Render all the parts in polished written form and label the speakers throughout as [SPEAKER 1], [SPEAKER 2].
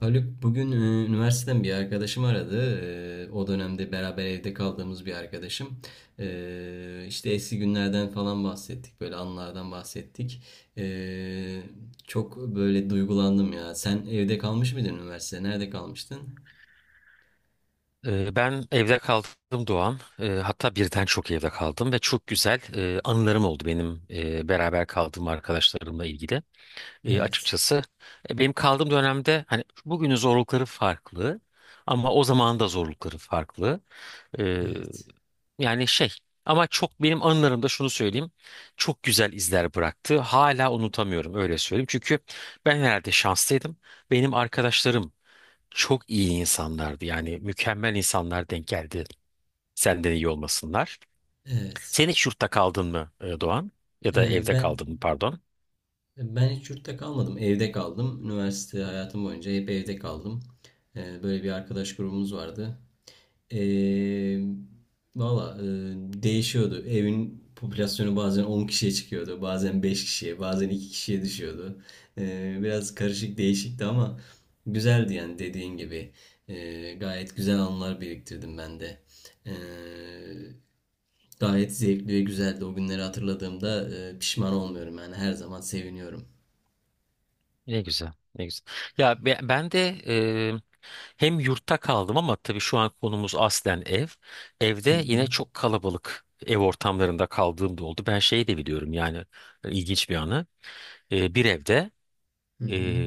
[SPEAKER 1] Haluk bugün üniversiteden bir arkadaşım aradı. O dönemde beraber evde kaldığımız bir arkadaşım. İşte eski günlerden falan bahsettik. Böyle anılardan bahsettik. E, Çok böyle duygulandım ya. Sen evde kalmış mıydın üniversitede? Nerede kalmıştın?
[SPEAKER 2] Ben evde kaldım Doğan. Hatta birden çok evde kaldım ve çok güzel anılarım oldu benim beraber kaldığım arkadaşlarımla ilgili.
[SPEAKER 1] Evet.
[SPEAKER 2] Açıkçası benim kaldığım dönemde hani bugünün zorlukları farklı, ama o zamanın da zorlukları farklı. Ee,
[SPEAKER 1] Evet.
[SPEAKER 2] Yani ama çok benim anılarımda şunu söyleyeyim. Çok güzel izler bıraktı. Hala unutamıyorum öyle söyleyeyim. Çünkü ben herhalde şanslıydım. Benim arkadaşlarım çok iyi insanlardı. Yani mükemmel insanlar denk geldi. Senden iyi olmasınlar.
[SPEAKER 1] Evet.
[SPEAKER 2] Sen hiç yurtta kaldın mı, Doğan? Ya
[SPEAKER 1] E,
[SPEAKER 2] da evde
[SPEAKER 1] ben
[SPEAKER 2] kaldın mı, pardon?
[SPEAKER 1] ben hiç yurtta kalmadım. Evde kaldım. Üniversite hayatım boyunca hep evde kaldım. Böyle bir arkadaş grubumuz vardı. Ee, valla, değişiyordu. Evin popülasyonu bazen 10 kişiye çıkıyordu. Bazen 5 kişiye, bazen 2 kişiye düşüyordu. Biraz karışık değişikti ama güzeldi yani dediğin gibi. Gayet güzel anılar biriktirdim ben de. Ee, Gayet zevkli ve güzeldi. O günleri hatırladığımda pişman olmuyorum. Yani her zaman seviniyorum.
[SPEAKER 2] Ne güzel, ne güzel. Ya ben de hem yurtta kaldım ama tabii şu an konumuz aslen ev.
[SPEAKER 1] Hı
[SPEAKER 2] Evde yine
[SPEAKER 1] hı,
[SPEAKER 2] çok kalabalık ev ortamlarında kaldığım da oldu. Ben şeyi de biliyorum yani, ilginç bir anı. Bir evde
[SPEAKER 1] hı hı.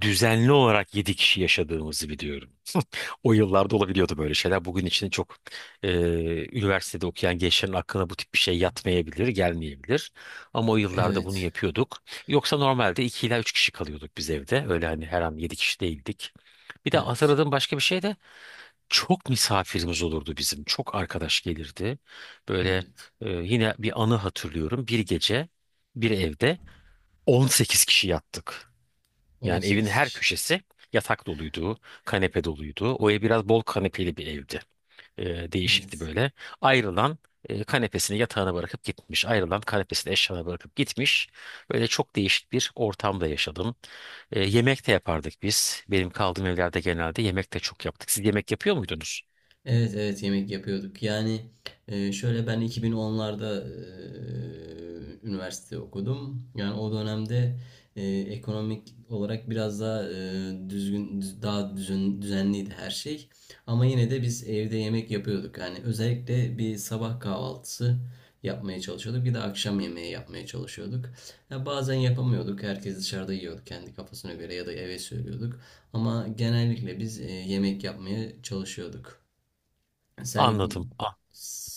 [SPEAKER 2] düzenli olarak 7 kişi yaşadığımızı biliyorum. O yıllarda olabiliyordu böyle şeyler. Bugün için çok, e, üniversitede okuyan gençlerin aklına bu tip bir şey yatmayabilir, gelmeyebilir. Ama o yıllarda bunu
[SPEAKER 1] Evet,
[SPEAKER 2] yapıyorduk. Yoksa normalde 2 ila 3 kişi kalıyorduk biz evde. Öyle hani her an 7 kişi değildik. Bir de
[SPEAKER 1] evet,
[SPEAKER 2] hatırladığım başka bir şey de çok misafirimiz olurdu bizim. Çok arkadaş gelirdi. Böyle,
[SPEAKER 1] evet.
[SPEAKER 2] yine bir anı hatırlıyorum. Bir gece bir evde 18 kişi yattık.
[SPEAKER 1] On
[SPEAKER 2] Yani evin
[SPEAKER 1] sekiz
[SPEAKER 2] her
[SPEAKER 1] kişi.
[SPEAKER 2] köşesi yatak doluydu, kanepe doluydu. O ev biraz bol kanepeli bir evdi. Değişikti
[SPEAKER 1] Evet.
[SPEAKER 2] böyle. Ayrılan kanepesini yatağına bırakıp gitmiş. Ayrılan kanepesini eşyalarına bırakıp gitmiş. Böyle çok değişik bir ortamda yaşadım. Yemek de yapardık biz. Benim kaldığım evlerde genelde yemek de çok yaptık. Siz yemek yapıyor muydunuz?
[SPEAKER 1] Evet, evet, yemek yapıyorduk. Yani şöyle, ben 2010'larda üniversite okudum. Yani o dönemde ekonomik olarak biraz daha daha düzenliydi her şey. Ama yine de biz evde yemek yapıyorduk. Yani özellikle bir sabah kahvaltısı yapmaya çalışıyorduk. Bir de akşam yemeği yapmaya çalışıyorduk. Ya bazen yapamıyorduk. Herkes dışarıda yiyordu kendi kafasına göre ya da eve söylüyorduk. Ama genellikle biz yemek yapmaya çalışıyorduk. Sen
[SPEAKER 2] Anladım. Ah.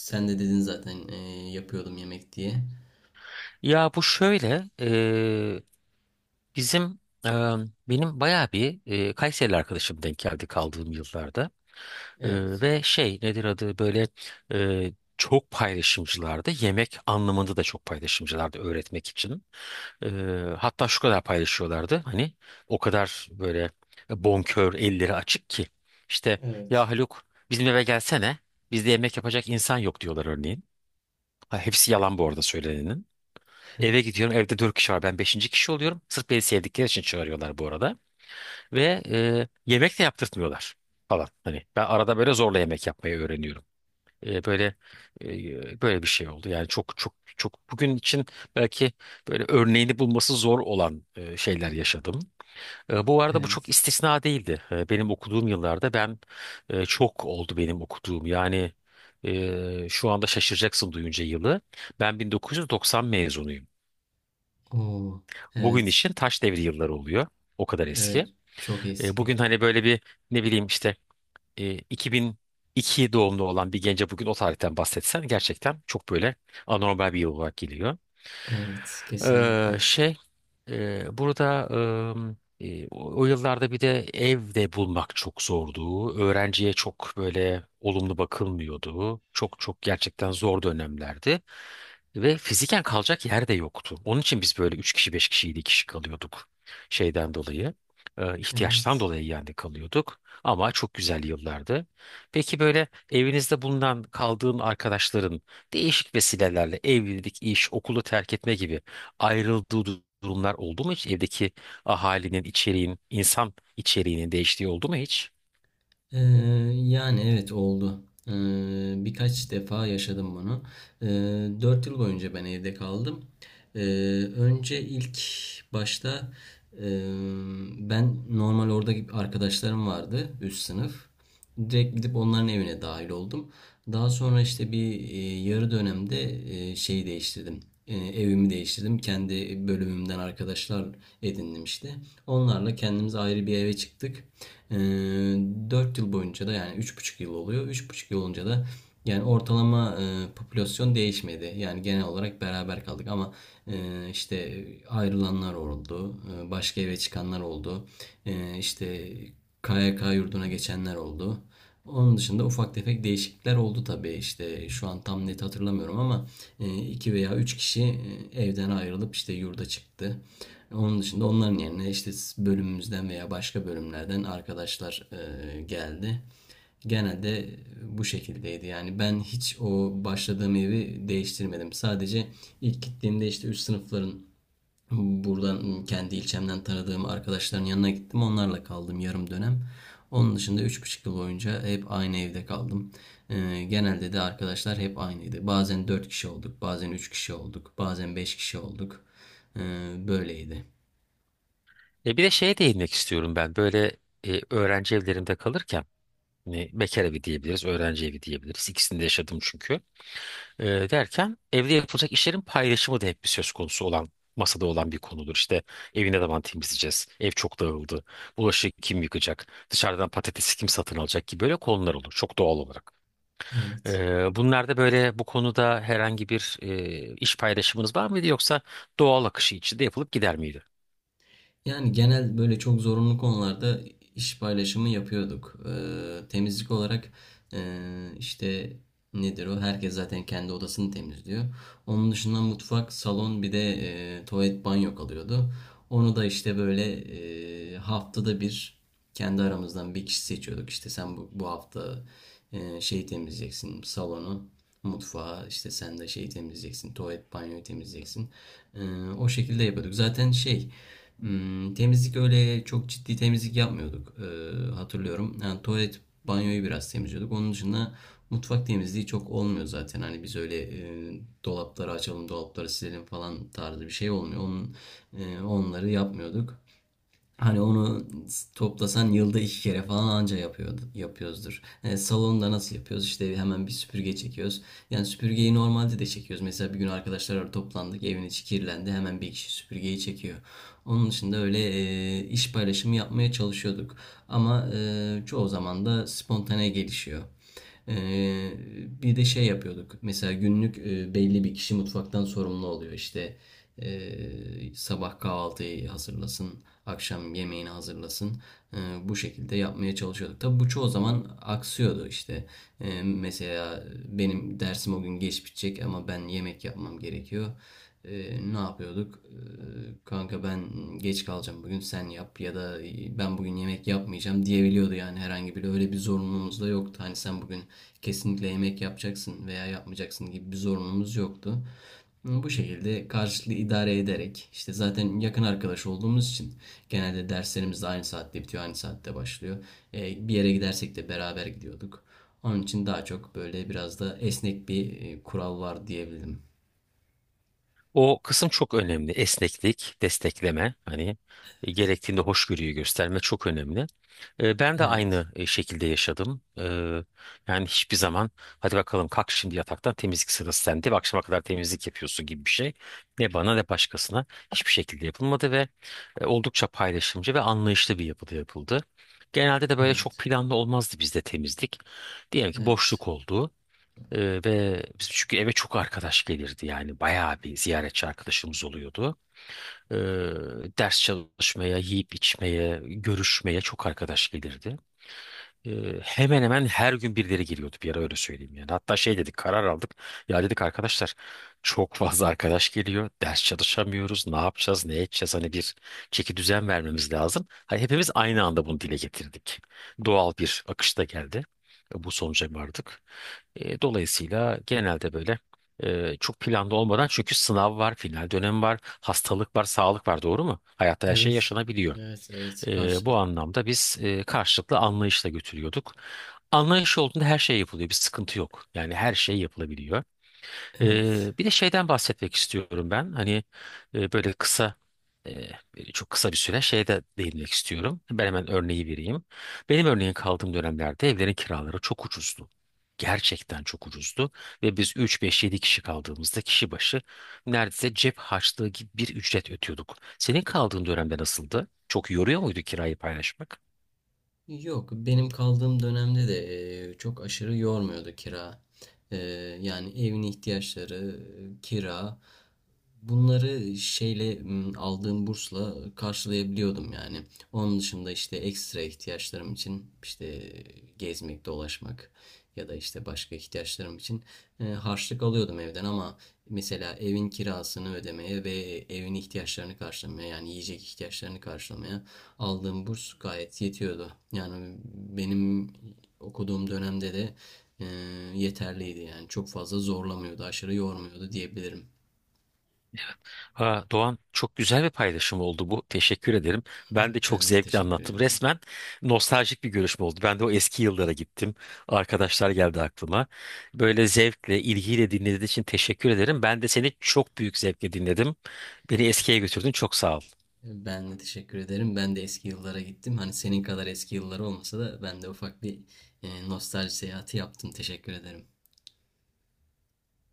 [SPEAKER 1] sen de dedin zaten yapıyordum yemek diye.
[SPEAKER 2] Ya bu şöyle, bizim e, benim bayağı bir Kayserili arkadaşım denk geldi kaldığım yıllarda.
[SPEAKER 1] Evet.
[SPEAKER 2] Ve şey, nedir adı, böyle e, çok paylaşımcılardı. Yemek anlamında da çok paylaşımcılardı öğretmek için. Ee, Hatta şu kadar paylaşıyorlardı. Hani o kadar böyle bonkör, elleri açık ki. İşte
[SPEAKER 1] Evet.
[SPEAKER 2] ya Haluk, bizim eve gelsene. Bizde yemek yapacak insan yok diyorlar örneğin. Ha, hepsi yalan bu arada söylenenin. Eve gidiyorum, evde dört kişi var, ben beşinci kişi oluyorum. Sırf beni sevdikleri için çağırıyorlar bu arada. Ve yemek de yaptırtmıyorlar falan. Hani ben arada böyle zorla yemek yapmayı öğreniyorum. E, böyle Böyle bir şey oldu. Yani çok çok çok bugün için belki böyle örneğini bulması zor olan şeyler yaşadım. Bu arada bu çok
[SPEAKER 1] Evet.
[SPEAKER 2] istisna değildi. Benim okuduğum yıllarda ben çok oldu benim okuduğum. Yani şu anda şaşıracaksın duyunca yılı. Ben 1990 mezunuyum.
[SPEAKER 1] Oo.
[SPEAKER 2] Bugün
[SPEAKER 1] Evet.
[SPEAKER 2] için taş devri yılları oluyor. O kadar eski.
[SPEAKER 1] Evet. Çok eski.
[SPEAKER 2] Bugün hani böyle bir ne bileyim işte 2002 doğumlu olan bir gence bugün o tarihten bahsetsen gerçekten çok böyle anormal bir yıl olarak geliyor.
[SPEAKER 1] Evet.
[SPEAKER 2] Ee,
[SPEAKER 1] Kesinlikle.
[SPEAKER 2] şey Burada, ım, e, o o yıllarda bir de ev de bulmak çok zordu. Öğrenciye çok böyle olumlu bakılmıyordu. Çok çok gerçekten zor dönemlerdi. Ve fiziken kalacak yer de yoktu. Onun için biz böyle 3 kişi, 5 kişi, 7 kişi kalıyorduk şeyden dolayı. İhtiyaçtan
[SPEAKER 1] Evet.
[SPEAKER 2] dolayı yani kalıyorduk. Ama çok güzel yıllardı. Peki böyle evinizde bulunan kaldığın arkadaşların değişik vesilelerle evlilik, iş, okulu terk etme gibi ayrıldığı durumlar oldu mu hiç? Evdeki ahalinin, içeriğin, insan içeriğinin değiştiği oldu mu hiç?
[SPEAKER 1] Ee, Yani evet, oldu. Ee, Birkaç defa yaşadım bunu. Ee, 4 yıl boyunca ben evde kaldım. Ee, Önce ilk başta e, ben normal orada gibi arkadaşlarım vardı üst sınıf. Direkt gidip onların evine dahil oldum. Daha sonra işte bir yarı dönemde şeyi değiştirdim. Evimi değiştirdim. Kendi bölümümden arkadaşlar edindim işte. Onlarla kendimiz ayrı bir eve çıktık. Ee, Dört yıl boyunca da yani üç buçuk yıl oluyor. Üç buçuk yıl olunca da yani ortalama popülasyon değişmedi. Yani genel olarak beraber kaldık ama işte ayrılanlar oldu. Başka eve çıkanlar oldu. İşte KYK yurduna geçenler oldu. Onun dışında ufak tefek değişiklikler oldu tabii. İşte şu an tam net hatırlamıyorum ama iki veya üç kişi evden ayrılıp işte yurda çıktı. Onun dışında onların yerine işte bölümümüzden veya başka bölümlerden arkadaşlar geldi. Genelde bu şekildeydi. Yani ben hiç o başladığım evi değiştirmedim. Sadece ilk gittiğimde işte üst sınıfların buradan kendi ilçemden tanıdığım arkadaşların yanına gittim. Onlarla kaldım yarım dönem. Onun dışında üç buçuk yıl boyunca hep aynı evde kaldım. Genelde de arkadaşlar hep aynıydı. Bazen 4 kişi olduk, bazen 3 kişi olduk, bazen 5 kişi olduk. Böyleydi.
[SPEAKER 2] E bir de şeye değinmek istiyorum ben. Böyle öğrenci evlerinde kalırken, hani bekar evi diyebiliriz, öğrenci evi diyebiliriz. İkisini de yaşadım çünkü. E, Derken evde yapılacak işlerin paylaşımı da hep bir söz konusu olan, masada olan bir konudur. İşte evi ne zaman temizleyeceğiz? Ev çok dağıldı. Bulaşığı kim yıkacak? Dışarıdan patatesi kim satın alacak ki? Böyle konular olur çok doğal olarak.
[SPEAKER 1] Evet.
[SPEAKER 2] Bunlarda böyle bu konuda herhangi bir iş paylaşımınız var mıydı, yoksa doğal akışı içinde yapılıp gider miydi?
[SPEAKER 1] Yani genel böyle çok zorunlu konularda iş paylaşımı yapıyorduk. Temizlik olarak işte nedir o? Herkes zaten kendi odasını temizliyor. Onun dışında mutfak, salon bir de tuvalet banyo kalıyordu. Onu da işte böyle haftada bir kendi aramızdan bir kişi seçiyorduk. İşte sen bu hafta şeyi temizleyeceksin, salonu, mutfağı, işte sen de şeyi temizleyeceksin, tuvalet banyoyu temizleyeceksin. E, O şekilde yapıyorduk. Zaten şey... Hmm, temizlik öyle çok ciddi temizlik yapmıyorduk. Hatırlıyorum. Yani tuvalet, banyoyu biraz temizliyorduk. Onun dışında mutfak temizliği çok olmuyor zaten. Hani biz öyle dolapları açalım, dolapları silelim falan tarzı bir şey olmuyor. Onları yapmıyorduk. Hani onu toplasan yılda iki kere falan anca yapıyordu, yapıyoruzdur. E, salonda nasıl yapıyoruz? İşte hemen bir süpürge çekiyoruz. Yani süpürgeyi normalde de çekiyoruz. Mesela bir gün arkadaşlar toplandık, evin içi kirlendi. Hemen bir kişi süpürgeyi çekiyor. Onun dışında öyle iş paylaşımı yapmaya çalışıyorduk. Ama çoğu zaman da spontane gelişiyor. Ee, Bir de şey yapıyorduk. Mesela günlük belli bir kişi mutfaktan sorumlu oluyor. İşte sabah kahvaltıyı hazırlasın, akşam yemeğini hazırlasın. Ee, Bu şekilde yapmaya çalışıyorduk. Tabii bu çoğu zaman aksıyordu işte. Mesela benim dersim o gün geç bitecek ama ben yemek yapmam gerekiyor. Ne yapıyorduk? Kanka ben geç kalacağım bugün sen yap, ya da ben bugün yemek yapmayacağım diyebiliyordu. Yani herhangi bir öyle bir zorunluluğumuz da yoktu. Hani sen bugün kesinlikle yemek yapacaksın veya yapmayacaksın gibi bir zorunluluğumuz yoktu. Bu şekilde karşılıklı idare ederek, işte zaten yakın arkadaş olduğumuz için, genelde derslerimiz de aynı saatte bitiyor, aynı saatte başlıyor. E, bir yere gidersek de beraber gidiyorduk. Onun için daha çok böyle biraz da esnek bir kural var diyebilirim.
[SPEAKER 2] O kısım çok önemli. Esneklik, destekleme, hani gerektiğinde hoşgörüyü gösterme çok önemli. E, ben de
[SPEAKER 1] Evet,
[SPEAKER 2] aynı şekilde yaşadım. Yani hiçbir zaman, hadi bakalım kalk şimdi yataktan, temizlik sırası sende ve akşama kadar temizlik yapıyorsun gibi bir şey, ne bana ne başkasına hiçbir şekilde yapılmadı ve oldukça paylaşımcı ve anlayışlı bir yapıda yapıldı. Genelde de böyle çok
[SPEAKER 1] evet,
[SPEAKER 2] planlı olmazdı bizde temizlik. Diyelim ki
[SPEAKER 1] evet,
[SPEAKER 2] boşluk oldu. Ve biz, çünkü eve çok arkadaş gelirdi, yani bayağı bir ziyaretçi arkadaşımız oluyordu. Ee, Ders çalışmaya, yiyip içmeye, görüşmeye çok arkadaş gelirdi. Hemen hemen her gün birileri geliyordu bir ara, öyle söyleyeyim yani. Hatta şey dedik, karar aldık. Ya dedik arkadaşlar, çok fazla arkadaş geliyor. Ders çalışamıyoruz. Ne yapacağız? Ne edeceğiz? Hani bir çeki düzen vermemiz lazım. Hani hepimiz aynı anda bunu dile getirdik. Doğal bir akışta geldi. Bu sonuca vardık. Dolayısıyla genelde böyle çok planlı olmadan, çünkü sınav var, final dönemi var, hastalık var, sağlık var, doğru mu? Hayatta her şey
[SPEAKER 1] evet,
[SPEAKER 2] yaşanabiliyor.
[SPEAKER 1] evet, evet,
[SPEAKER 2] Bu
[SPEAKER 1] karşılık.
[SPEAKER 2] anlamda biz karşılıklı anlayışla götürüyorduk. Anlayış olduğunda her şey yapılıyor. Bir sıkıntı yok. Yani her şey yapılabiliyor.
[SPEAKER 1] Evet.
[SPEAKER 2] Bir de şeyden bahsetmek istiyorum ben. Hani e, böyle kısa çok kısa bir süre şeye de değinmek istiyorum. Ben hemen örneği vereyim. Benim örneğin kaldığım dönemlerde evlerin kiraları çok ucuzdu. Gerçekten çok ucuzdu ve biz 3, 5, 7 kişi kaldığımızda kişi başı neredeyse cep harçlığı gibi bir ücret ödüyorduk. Senin kaldığın dönemde nasıldı? Çok yoruyor muydu kirayı paylaşmak?
[SPEAKER 1] Yok, benim kaldığım dönemde de çok aşırı yormuyordu kira. E, Yani evin ihtiyaçları, kira, bunları aldığım bursla karşılayabiliyordum yani. Onun dışında işte ekstra ihtiyaçlarım için, işte gezmek, dolaşmak ya da işte başka ihtiyaçlarım için harçlık alıyordum evden, ama mesela evin kirasını ödemeye ve evin ihtiyaçlarını karşılamaya, yani yiyecek ihtiyaçlarını karşılamaya aldığım burs gayet yetiyordu. Yani benim okuduğum dönemde de e, yeterliydi yani. Çok fazla zorlamıyordu, aşırı yormuyordu diyebilirim.
[SPEAKER 2] Ha, Doğan, çok güzel bir paylaşım oldu bu. Teşekkür ederim. Ben de çok
[SPEAKER 1] Ben de
[SPEAKER 2] zevkle
[SPEAKER 1] teşekkür
[SPEAKER 2] anlattım.
[SPEAKER 1] ederim.
[SPEAKER 2] Resmen nostaljik bir görüşme oldu. Ben de o eski yıllara gittim. Arkadaşlar geldi aklıma. Böyle zevkle, ilgiyle dinlediğin için teşekkür ederim. Ben de seni çok büyük zevkle dinledim. Beni eskiye götürdün. Çok sağ ol.
[SPEAKER 1] Ben de teşekkür ederim. Ben de eski yıllara gittim. Hani senin kadar eski yılları olmasa da ben de ufak bir nostalji seyahati yaptım. Teşekkür ederim.